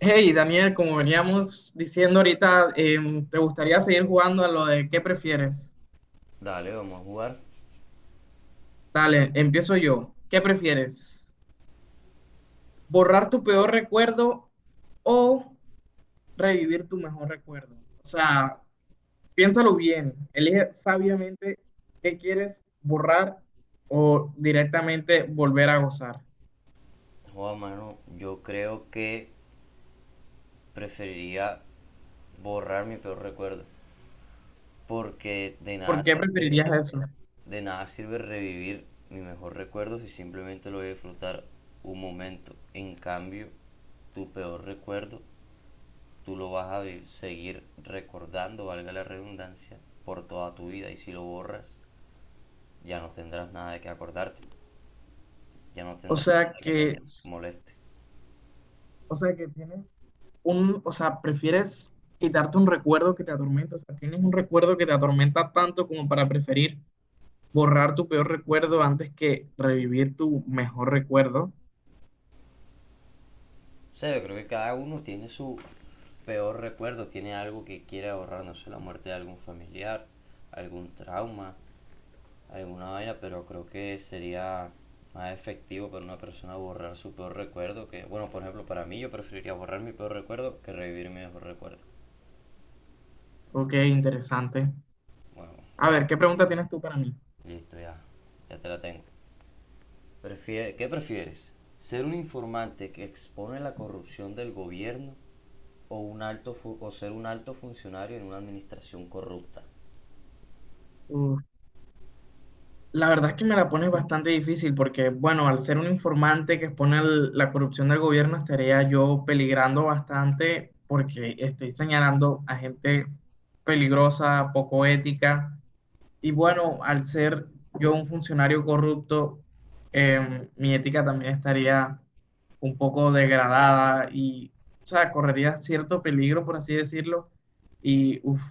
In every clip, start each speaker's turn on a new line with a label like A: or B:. A: Hey, Daniel, como veníamos diciendo ahorita, ¿te gustaría seguir jugando a lo de qué prefieres?
B: Dale, vamos a jugar.
A: Dale, empiezo yo. ¿Qué prefieres? ¿Borrar tu peor recuerdo o revivir tu mejor recuerdo? O sea, piénsalo bien, elige sabiamente qué quieres borrar o directamente volver a gozar.
B: Joda, mano, yo creo que preferiría borrar mi peor recuerdo, porque
A: ¿Por qué preferirías eso?
B: de nada sirve revivir mi mejor recuerdo si simplemente lo voy a disfrutar un momento. En cambio, tu peor recuerdo, tú lo vas a seguir recordando, valga la redundancia, por toda tu vida, y si lo borras, ya no tendrás nada de que acordarte, ya no
A: O
B: tendrás
A: sea,
B: nada que
A: que
B: te moleste.
A: O sea, que tienes un, o sea, prefieres quitarte un recuerdo que te atormenta. O sea, tienes un recuerdo que te atormenta tanto como para preferir borrar tu peor recuerdo antes que revivir tu mejor recuerdo.
B: O sea, yo creo que cada uno tiene su peor recuerdo, tiene algo que quiere ahorrar, no sé, la muerte de algún familiar, algún trauma, alguna vaina, pero creo que sería más efectivo para una persona borrar su peor recuerdo que, bueno, por ejemplo, para mí yo preferiría borrar mi peor recuerdo que revivir mi mejor recuerdo.
A: Ok, interesante.
B: Bueno,
A: A
B: todo.
A: ver, ¿qué pregunta tienes tú para mí?
B: Listo, ya, ya te la tengo. ¿Qué prefieres? ¿Ser un informante que expone la corrupción del gobierno o, ser un alto funcionario en una administración corrupta?
A: Uf, la verdad es que me la pones bastante difícil porque, bueno, al ser un informante que expone la corrupción del gobierno, estaría yo peligrando bastante porque estoy señalando a gente peligrosa, poco ética. Y bueno, al ser yo un funcionario corrupto, mi ética también estaría un poco degradada y, o sea, correría cierto peligro, por así decirlo, y uf,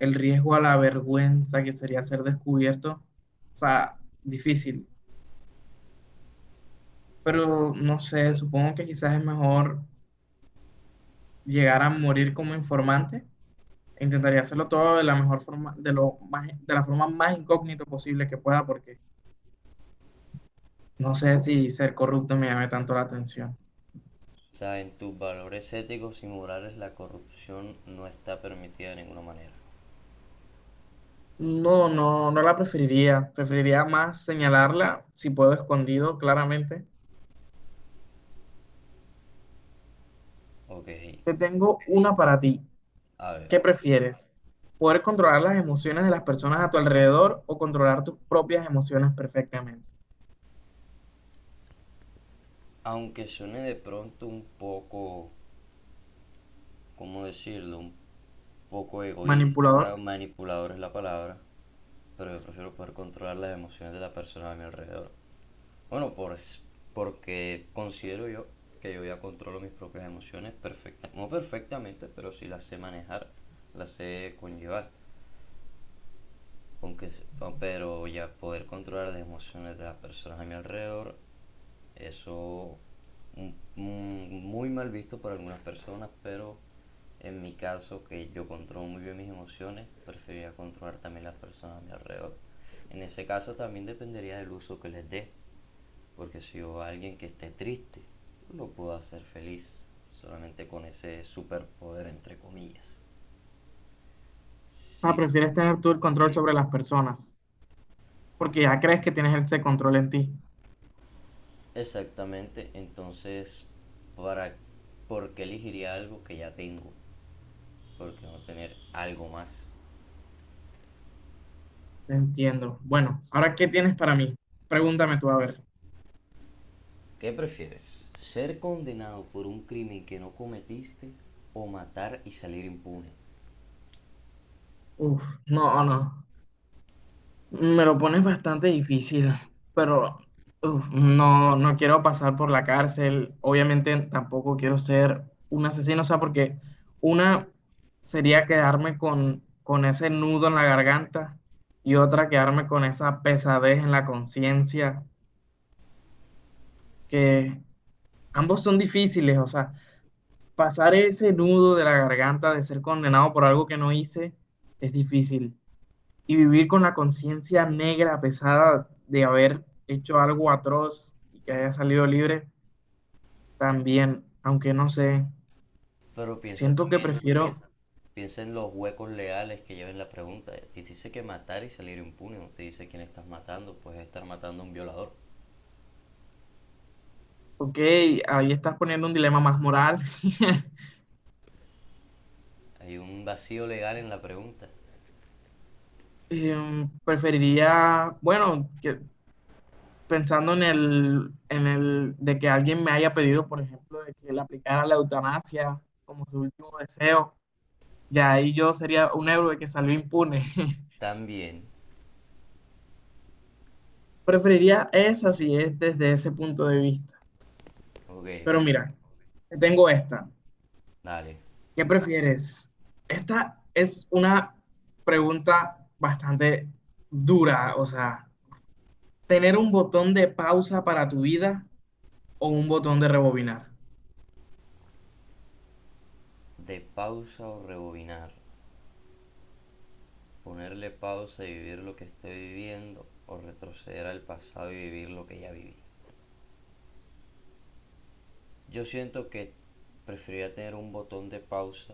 A: el riesgo a la vergüenza que sería ser descubierto, o sea, difícil. Pero no sé, supongo que quizás es mejor llegar a morir como informante. Intentaría hacerlo todo de la mejor forma, de lo más, de la forma más incógnito posible que pueda, porque no sé si ser corrupto me llame tanto la atención.
B: Sea, en tus valores éticos y morales la corrupción no está permitida de ninguna manera.
A: No, no, no la preferiría. Preferiría más señalarla, si puedo, escondido, claramente.
B: Ok,
A: Te tengo una para ti.
B: a ver.
A: ¿Qué prefieres? ¿Poder controlar las emociones de las personas a tu alrededor o controlar tus propias emociones perfectamente?
B: Aunque suene de pronto un poco, ¿cómo decirlo? Un poco egoísta,
A: Manipulador.
B: manipulador es la palabra, pero yo prefiero poder controlar las emociones de la persona a mi alrededor. Bueno, porque considero yo que yo ya controlo mis propias emociones perfectamente, no perfectamente, pero sí las sé manejar, las sé conllevar. Aunque, ah, pero ya poder controlar las emociones de las personas a mi alrededor, eso mm, muy mal visto por algunas personas, pero en mi caso, que yo controlo muy bien mis emociones, preferiría controlar también las personas a mi alrededor. En ese caso también dependería del uso que les dé, porque si yo a alguien que esté triste, lo puedo hacer feliz solamente con ese superpoder entre comillas.
A: Ah,
B: Si.
A: prefieres tener tú el control sobre las personas, porque ya crees que tienes ese control en ti.
B: Exactamente, entonces, ¿para por qué elegiría algo que ya tengo? ¿Por qué no tener algo más?
A: Entiendo. Bueno, ahora, ¿qué tienes para mí? Pregúntame tú, a ver.
B: ¿Qué prefieres? Ser condenado por un crimen que no cometiste o matar y salir impune.
A: Uf, no, no. Me lo pones bastante difícil, pero uf, no, no quiero pasar por la cárcel. Obviamente tampoco quiero ser un asesino, o sea, porque una sería quedarme con ese nudo en la garganta y otra quedarme con esa pesadez en la conciencia, que ambos son difíciles, o sea, pasar ese nudo de la garganta de ser condenado por algo que no hice es difícil. Y vivir con la conciencia negra pesada de haber hecho algo atroz y que haya salido libre, también, aunque no sé,
B: Pero piensa
A: siento que
B: también,
A: prefiero,
B: piensa en los huecos legales que lleva en la pregunta. Te dice que matar y salir impune, no te dice quién estás matando, pues estar matando a un violador.
A: ok, ahí estás poniendo un dilema más moral.
B: Hay un vacío legal en la pregunta.
A: Eh, preferiría, bueno, que, pensando en el de que alguien me haya pedido, por ejemplo, de que le aplicara la eutanasia como su último deseo, ya ahí yo sería un héroe que salió impune.
B: También,
A: Preferiría esa si es desde ese punto de vista.
B: ok,
A: Pero
B: pero
A: mira, tengo esta.
B: dale,
A: ¿Qué prefieres? Esta es una pregunta bastante dura, o sea, tener un botón de pausa para tu vida o un botón de rebobinar.
B: de pausa o rebobinar. Ponerle pausa y vivir lo que esté viviendo, o retroceder al pasado y vivir lo que ya viví. Yo siento que preferiría tener un botón de pausa,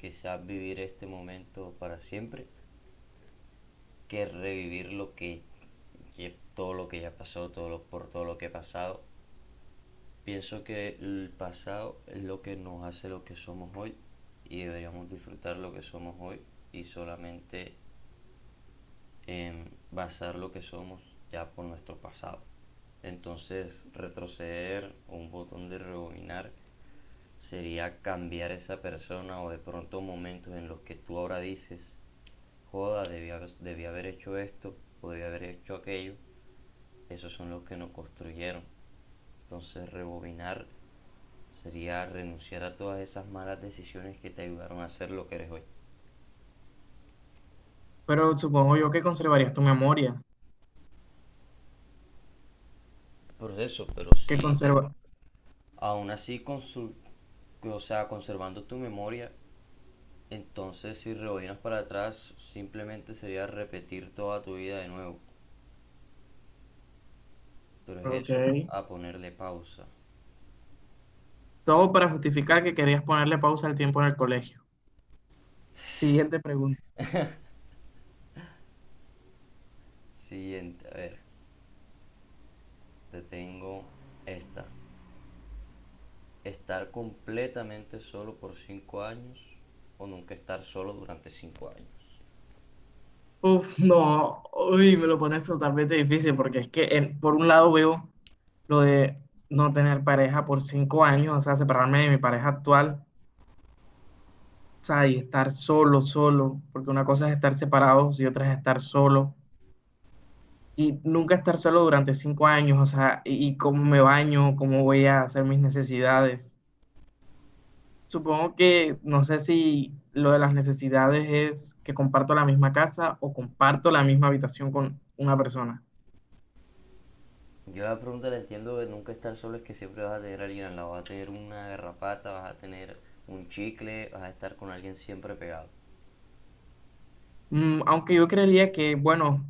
B: quizás vivir este momento para siempre, que revivir lo que todo lo que ya pasó, todo lo, por todo lo que he pasado. Pienso que el pasado es lo que nos hace lo que somos hoy y deberíamos disfrutar lo que somos hoy, y solamente en basar lo que somos ya por nuestro pasado. Entonces, retroceder o un botón de rebobinar sería cambiar esa persona o de pronto momentos en los que tú ahora dices, joda, debí haber hecho esto o debí haber hecho aquello. Esos son los que nos construyeron. Entonces, rebobinar sería renunciar a todas esas malas decisiones que te ayudaron a ser lo que eres hoy.
A: Pero supongo yo que conservarías tu memoria,
B: Proceso, pero
A: que
B: si
A: conserva.
B: aún así con su, o sea, conservando tu memoria, entonces si rebobinas para atrás, simplemente sería repetir toda tu vida de nuevo. Pero es
A: Ok.
B: eso, a ponerle pausa.
A: Todo para justificar que querías ponerle pausa al tiempo en el colegio. Siguiente pregunta.
B: Siguiente, a ver, te tengo esta. Estar completamente solo por 5 años, o nunca estar solo durante 5 años.
A: Uf, no, uy, me lo pones totalmente difícil porque es que por un lado veo lo de no tener pareja por 5 años, o sea, separarme de mi pareja actual, o sea, y estar solo, solo, porque una cosa es estar separados y otra es estar solo, y nunca estar solo durante 5 años, o sea, y cómo me baño, cómo voy a hacer mis necesidades. Supongo que, no sé si lo de las necesidades es que comparto la misma casa o comparto la misma habitación con una persona.
B: Yo la pregunta la entiendo de nunca estar solo es que siempre vas a tener a alguien al lado, vas a tener una garrapata, vas a tener un chicle, vas a estar con alguien siempre pegado.
A: Mm, aunque yo creería que, bueno,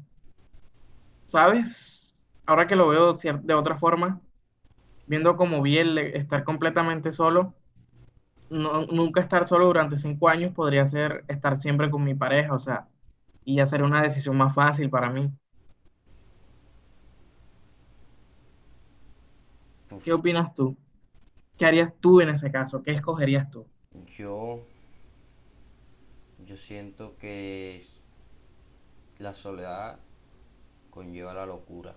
A: ¿sabes? Ahora que lo veo de otra forma, viendo como vi estar completamente solo, nunca estar solo durante cinco años podría ser estar siempre con mi pareja, o sea, y ya sería una decisión más fácil para mí. ¿Qué
B: Uf,
A: opinas tú? ¿Qué harías tú en ese caso? ¿Qué escogerías tú?
B: yo Yo siento que la soledad conlleva la locura.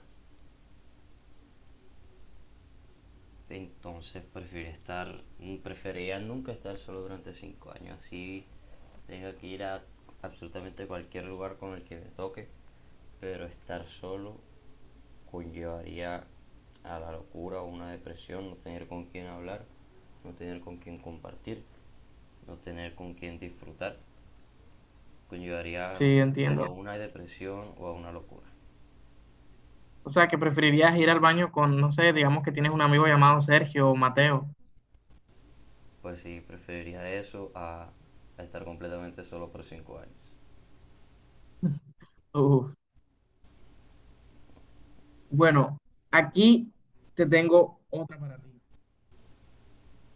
B: Entonces prefiero estar, prefería nunca estar solo durante 5 años. Así tengo que ir a absolutamente cualquier lugar con el que me toque. Pero estar solo conllevaría a la locura o una depresión, no tener con quién hablar, no tener con quién compartir, no tener con quién disfrutar. Conllevaría
A: Sí,
B: no sé, o
A: entiendo.
B: a una depresión o a una locura.
A: O sea, que preferirías ir al baño con, no sé, digamos que tienes un amigo llamado Sergio o Mateo.
B: Pues sí, preferiría eso a estar completamente solo por 5 años.
A: Uf. Bueno, aquí te tengo otra para ti.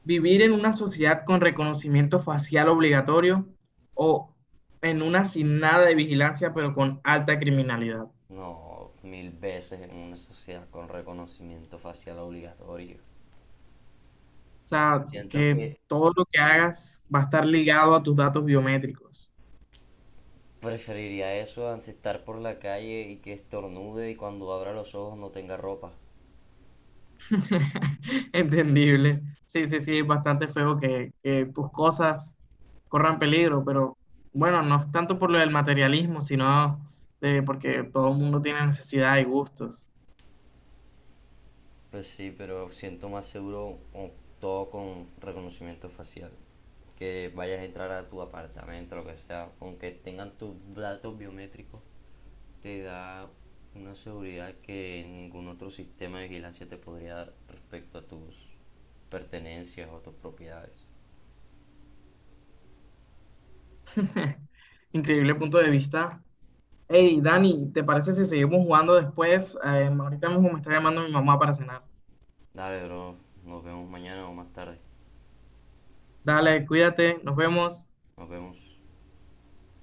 A: Vivir en una sociedad con reconocimiento facial obligatorio o en una sin nada de vigilancia, pero con alta criminalidad. O
B: No, mil veces en una sociedad con reconocimiento facial obligatorio.
A: sea,
B: Siento
A: que
B: que
A: todo lo que hagas va a estar ligado a tus datos biométricos.
B: preferiría eso antes estar por la calle y que estornude y cuando abra los ojos no tenga ropa.
A: Entendible. Sí, sí, sí, es bastante feo que tus cosas corran peligro, pero bueno, no es tanto por lo del materialismo, sino de porque todo el mundo tiene necesidad y gustos.
B: Pues sí, pero siento más seguro todo con reconocimiento facial. Que vayas a entrar a tu apartamento, lo que sea, aunque tengan tus datos biométricos, te da una seguridad que ningún otro sistema de vigilancia te podría dar respecto a tus pertenencias o tus propiedades.
A: Increíble punto de vista. Hey, Dani, ¿te parece si seguimos jugando después? Ahorita mismo me está llamando mi mamá para cenar.
B: Dale, bro, nos vemos mañana o más tarde.
A: Dale, cuídate, nos vemos.
B: Nos vemos.